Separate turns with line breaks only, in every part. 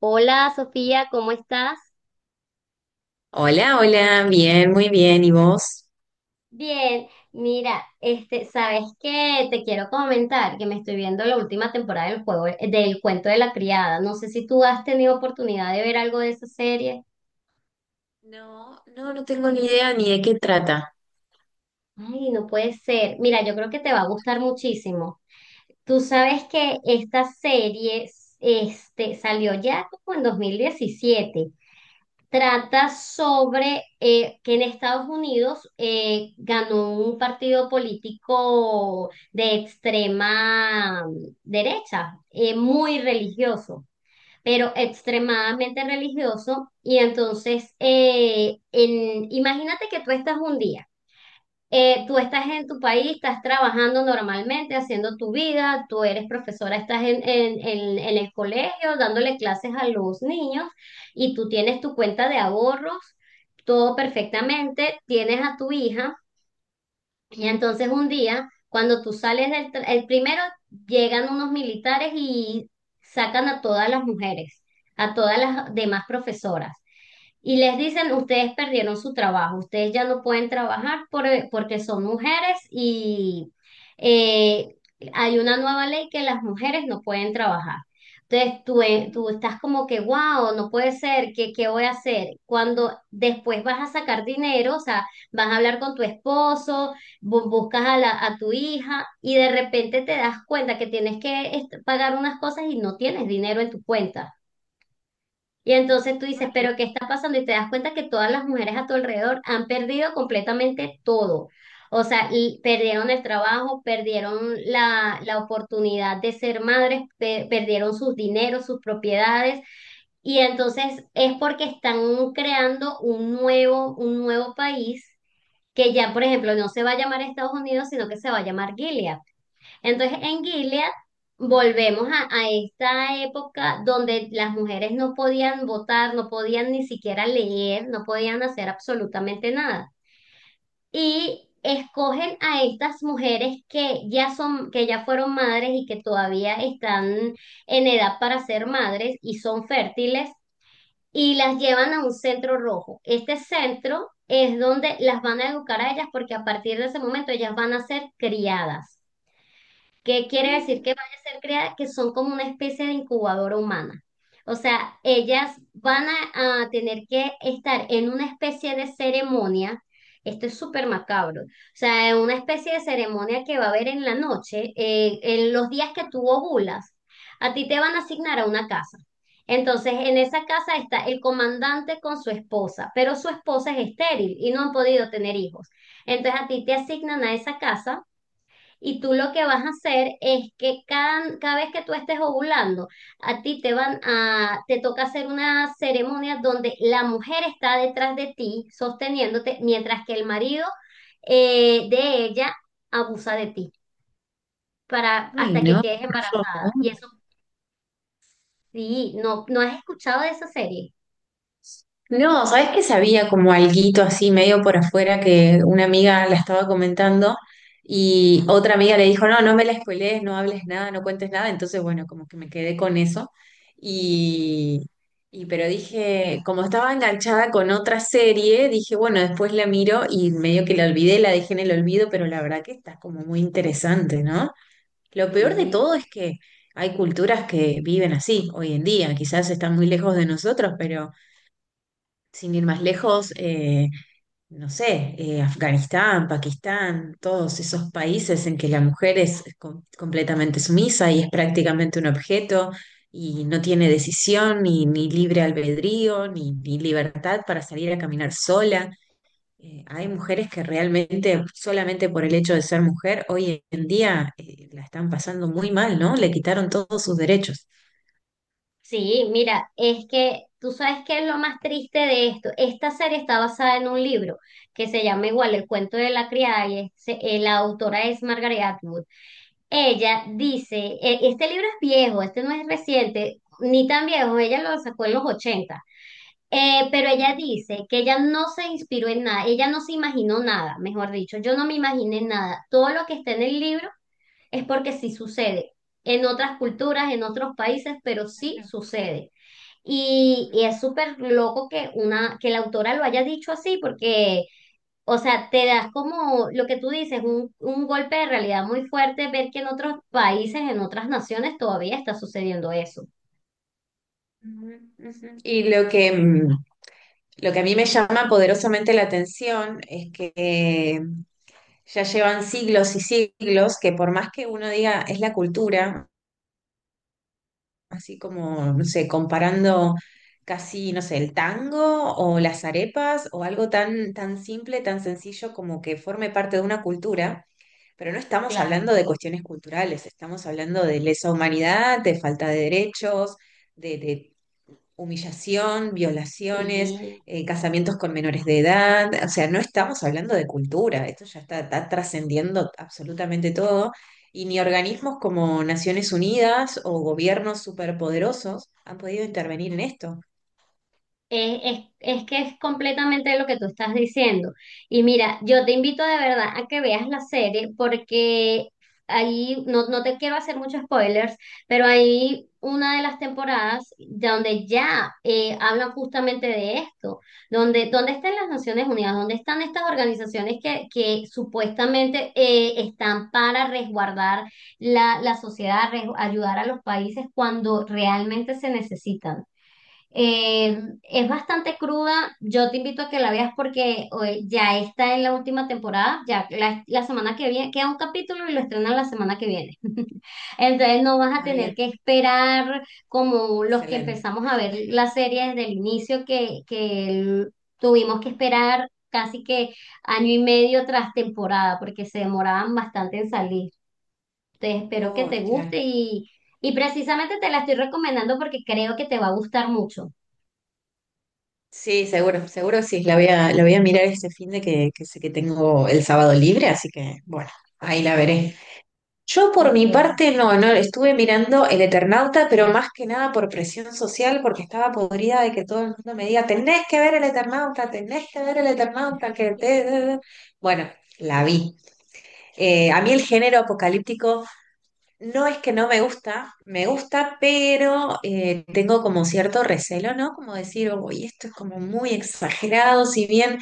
Hola, Sofía, ¿cómo estás?
Hola, hola, bien, muy bien. ¿Y vos?
Bien, mira, ¿sabes qué? Te quiero comentar que me estoy viendo la última temporada del cuento de la criada. No sé si tú has tenido oportunidad de ver algo de esa serie.
No, no, no tengo ni idea ni de qué trata.
Ay, no puede ser. Mira, yo creo que te va a gustar muchísimo. Tú sabes que esta serie salió ya como en 2017. Trata sobre que en Estados Unidos ganó un partido político de extrema derecha, muy religioso, pero extremadamente religioso. Y entonces, imagínate que tú estás un día. Tú estás en tu país, estás trabajando normalmente, haciendo tu vida, tú eres profesora, estás en el colegio dándole clases a los niños y tú tienes tu cuenta de ahorros, todo perfectamente, tienes a tu hija y entonces un día, cuando tú sales el primero llegan unos militares y sacan a todas las mujeres, a todas las demás profesoras y les dicen, ustedes perdieron su trabajo, ustedes ya no pueden trabajar porque son mujeres y eh, hay una nueva ley que las mujeres no pueden trabajar. Entonces tú estás como que, wow, no puede ser, ¿qué voy a hacer? Cuando después vas a sacar dinero, o sea, vas a hablar con tu esposo, buscas a tu hija y de repente te das cuenta que tienes que pagar unas cosas y no tienes dinero en tu cuenta. Y entonces tú dices, pero ¿qué está pasando? Y te das cuenta que todas las mujeres a tu alrededor han perdido completamente todo. O sea, y perdieron el trabajo, perdieron la oportunidad de ser madres, perdieron sus dineros, sus propiedades. Y entonces es porque están creando un nuevo país que ya, por ejemplo, no se va a llamar Estados Unidos, sino que se va a llamar Gilead. Entonces, en Gilead volvemos a esta época donde las mujeres no podían votar, no podían ni siquiera leer, no podían hacer absolutamente nada. Y escogen a estas mujeres que ya son, que ya fueron madres y que todavía están en edad para ser madres y son fértiles. Y las llevan a un centro rojo. Este centro es donde las van a educar a ellas porque a partir de ese momento ellas van a ser criadas. ¿Qué quiere decir
Mm.
que van a ser creadas? Que son como una especie de incubadora humana. O sea, ellas van a tener que estar en una especie de ceremonia. Esto es súper macabro. O sea, en una especie de ceremonia que va a haber en la noche, en los días que tú ovulas, a ti te van a asignar a una casa. Entonces, en esa casa está el comandante con su esposa, pero su esposa es estéril y no han podido tener hijos. Entonces, a ti te asignan a esa casa y tú lo que vas a hacer es que cada vez que tú estés ovulando, a ti te toca hacer una ceremonia donde la mujer está detrás de ti, sosteniéndote, mientras que el marido de ella abusa de ti
Ay,
hasta que
no,
quedes
por favor.
embarazada. Y eso sí, no, no has escuchado de esa serie.
No, ¿sabés? Que sabía como alguito así medio por afuera, que una amiga la estaba comentando y otra amiga le dijo, no, no me la spoilees, no hables nada, no cuentes nada. Entonces bueno, como que me quedé con eso y, y pero dije, como estaba enganchada con otra serie, dije, bueno, después la miro, y medio que la olvidé, la dejé en el olvido. Pero la verdad que está como muy interesante, ¿no? Lo peor de
Sí.
todo es que hay culturas que viven así hoy en día. Quizás están muy lejos de nosotros, pero sin ir más lejos, no sé, Afganistán, Pakistán, todos esos países en que la mujer es com- completamente sumisa y es prácticamente un objeto, y no tiene decisión ni libre albedrío ni libertad para salir a caminar sola. Hay mujeres que realmente, solamente por el hecho de ser mujer hoy en día, la están pasando muy mal, ¿no? Le quitaron todos sus derechos.
Sí, mira, es que tú sabes qué es lo más triste de esto. Esta serie está basada en un libro que se llama igual El cuento de la criada y la autora es Margaret Atwood. Ella dice, este libro es viejo, este no es reciente, ni tan viejo, ella lo sacó en los 80. Pero ella dice que ella no se inspiró en nada, ella no se imaginó nada, mejor dicho, yo no me imaginé nada. Todo lo que está en el libro es porque sí sucede en otras culturas, en otros países, pero sí sucede. Y,
Claro.
y es súper loco que que la autora lo haya dicho así, porque, o sea, te das como lo que tú dices, un golpe de realidad muy fuerte, ver que en otros países, en otras naciones, todavía está sucediendo eso.
Ujú, ujú. Y lo que, lo que a mí me llama poderosamente la atención es que ya llevan siglos y siglos, que por más que uno diga es la cultura, así como, no sé, comparando casi, no sé, el tango o las arepas o algo tan, tan simple, tan sencillo, como que forme parte de una cultura. Pero no estamos hablando
Claro.
de cuestiones culturales, estamos hablando de lesa humanidad, de falta de derechos, de humillación, violaciones,
Sí.
casamientos con menores de edad. O sea, no estamos hablando de cultura, esto ya está, está trascendiendo absolutamente todo. Y ni organismos como Naciones Unidas o gobiernos superpoderosos han podido intervenir en esto.
Es que es completamente lo que tú estás diciendo. Y mira, yo te invito de verdad a que veas la serie porque ahí, no, no te quiero hacer muchos spoilers, pero hay una de las temporadas donde ya hablan justamente de esto, donde, ¿dónde están las Naciones Unidas? ¿Dónde están estas organizaciones que supuestamente están para resguardar la sociedad, ayudar a los países cuando realmente se necesitan? Eh, es bastante cruda. Yo te invito a que la veas porque ya está en la última temporada. Ya la semana que viene queda un capítulo y lo estrenan la semana que viene. Entonces no vas a
Ah,
tener
bien,
que esperar como los que
excelente.
empezamos a ver la serie desde el inicio, tuvimos que esperar casi que año y medio tras temporada porque se demoraban bastante en salir. Entonces espero que
Oh,
te
claro.
guste y precisamente te la estoy recomendando porque creo que te va a gustar mucho.
Sí, seguro, seguro sí. La voy a mirar este fin, de que sé que tengo el sábado libre, así que bueno, ahí la veré. Yo por
Ok,
mi parte no, no, estuve mirando El Eternauta, pero más que nada por presión social, porque estaba podrida de que todo el mundo me diga, tenés que ver El Eternauta, tenés que ver El Eternauta, que te... te- te. Bueno, la vi. A mí el género apocalíptico no es que no me gusta, me gusta, pero tengo como cierto recelo, ¿no? Como decir, uy, esto es como muy exagerado. Si bien,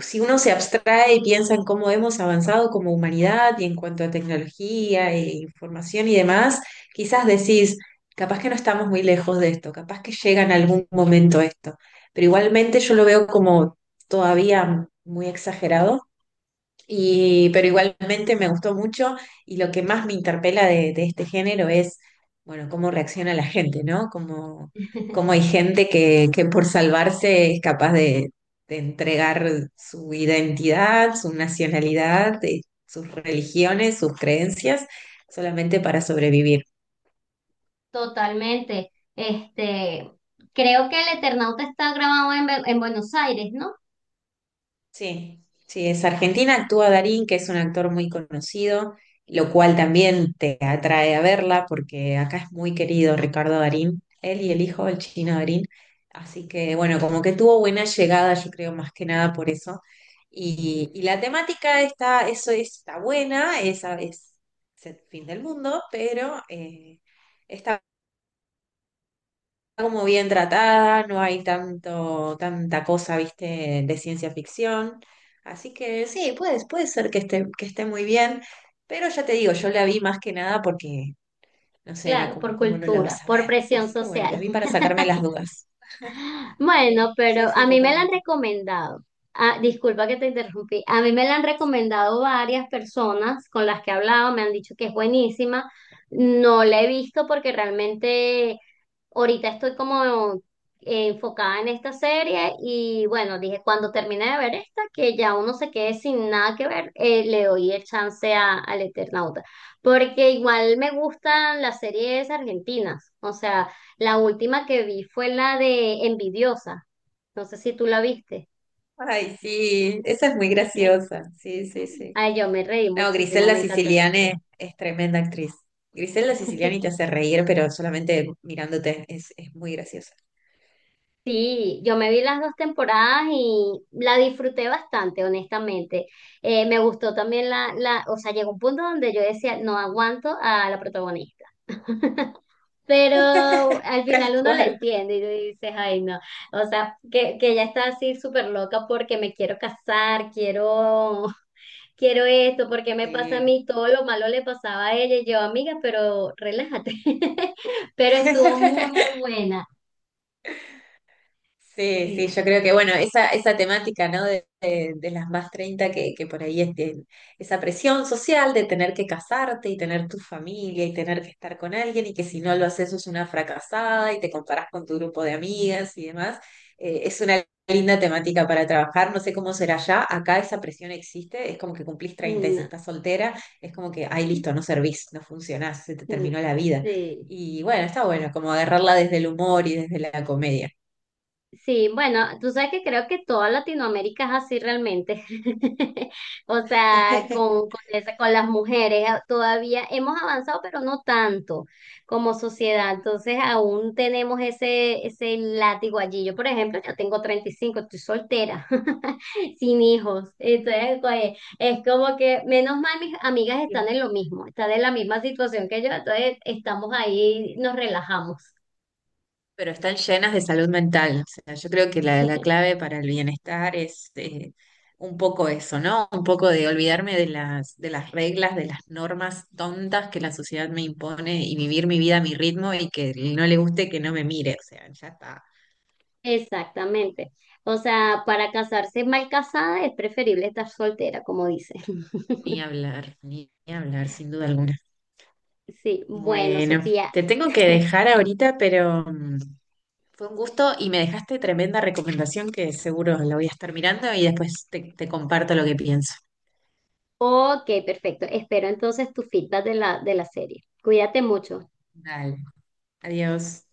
si uno se abstrae y piensa en cómo hemos avanzado como humanidad y en cuanto a tecnología e información y demás, quizás decís, capaz que no estamos muy lejos de esto, capaz que llega en algún momento esto, pero igualmente yo lo veo como todavía muy exagerado. Y pero igualmente me gustó mucho, y lo que más me interpela de este género es, bueno, cómo reacciona la gente, ¿no? Cómo, cómo hay gente que por salvarse es capaz de entregar su identidad, su nacionalidad, sus religiones, sus creencias, solamente para sobrevivir.
totalmente. Este, creo que el Eternauta está grabado en Buenos Aires, ¿no?
Sí, sí, es Argentina, actúa Darín, que es un actor muy conocido, lo cual también te atrae a verla, porque acá es muy querido Ricardo Darín, él y el hijo, el chino Darín. Así que bueno, como que tuvo buena llegada, yo creo más que nada por eso. Y la temática está, eso está buena, esa es el fin del mundo, pero está como bien tratada, no hay tanto, tanta cosa, viste, de ciencia ficción. Así que sí, puede, puede ser que esté muy bien, pero ya te digo, yo la vi más que nada porque, no sé, era
Claro,
como,
por
¿cómo no la vas
cultura,
a
por
ver?
presión
Así que bueno, la
social.
vi para sacarme las dudas.
Bueno,
Sí,
pero
sí,
a mí me la han
totalmente.
recomendado. Ah, disculpa que te interrumpí. A mí me la han recomendado varias personas con las que he hablado, me han dicho que es buenísima. No la he visto porque realmente ahorita estoy como enfocada en esta serie y bueno, dije, cuando termine de ver esta, que ya uno se quede sin nada que ver, le doy el chance al Eternauta, porque igual me gustan las series argentinas, o sea, la última que vi fue la de Envidiosa, no sé si tú la viste,
Ay, sí, esa es muy graciosa. Sí, sí, sí.
ay, yo me reí
No,
muchísimo,
Griselda
me encantó la
Siciliani
actriz.
es tremenda actriz. Griselda Siciliani te hace reír, pero solamente mirándote es muy graciosa.
Sí, yo me vi las dos temporadas y la disfruté bastante, honestamente. Me gustó también o sea, llegó un punto donde yo decía, no aguanto a la protagonista. Pero al
Tal
final uno la
cual.
entiende y tú dices, ay, no. O sea, que ella está así súper loca porque me quiero casar, quiero, quiero esto, porque me pasa a
Sí.
mí, todo lo malo le pasaba a ella y yo, amiga, pero relájate. Pero estuvo muy, muy buena.
Sí, sí, yo
Sí.
creo que, bueno, esa temática, ¿no? De las más 30, que por ahí es de- esa presión social de tener que casarte y tener tu familia y tener que estar con alguien, y que si no lo haces sos una fracasada y te comparás con tu grupo de amigas y demás. Es una linda temática para trabajar. No sé cómo será, ya acá esa presión existe, es como que cumplís treinta y si
No,
estás soltera, es como que, ay, listo, no servís, no funcionás, se te
no,
terminó la vida.
sí.
Y bueno, está bueno, como agarrarla desde el humor y desde la comedia.
Sí, bueno, tú sabes que creo que toda Latinoamérica es así realmente. O sea, con las mujeres todavía hemos avanzado, pero no tanto como sociedad. Entonces, aún tenemos ese látigo allí. Yo, por ejemplo, ya tengo 35, estoy soltera, sin hijos. Entonces, pues, es como que, menos mal, mis amigas están
Bien.
en lo mismo, están en la misma situación que yo. Entonces, estamos ahí, nos relajamos.
Pero están llenas de salud mental. O sea, yo creo que la clave para el bienestar es un poco eso, ¿no? Un poco de olvidarme de las reglas, de las normas tontas que la sociedad me impone, y vivir mi vida a mi ritmo, y que no le guste, que no me mire. O sea, ya está.
Exactamente. O sea, para casarse mal casada es preferible estar soltera, como dicen.
Ni hablar, ni, ni hablar, sin duda alguna.
Sí, bueno,
Bueno,
Sofía.
te tengo que dejar ahorita, pero fue un gusto y me dejaste tremenda recomendación que seguro la voy a estar mirando, y después te, te comparto lo que pienso.
Ok, perfecto. Espero entonces tu feedback de la serie. Cuídate mucho.
Dale. Adiós.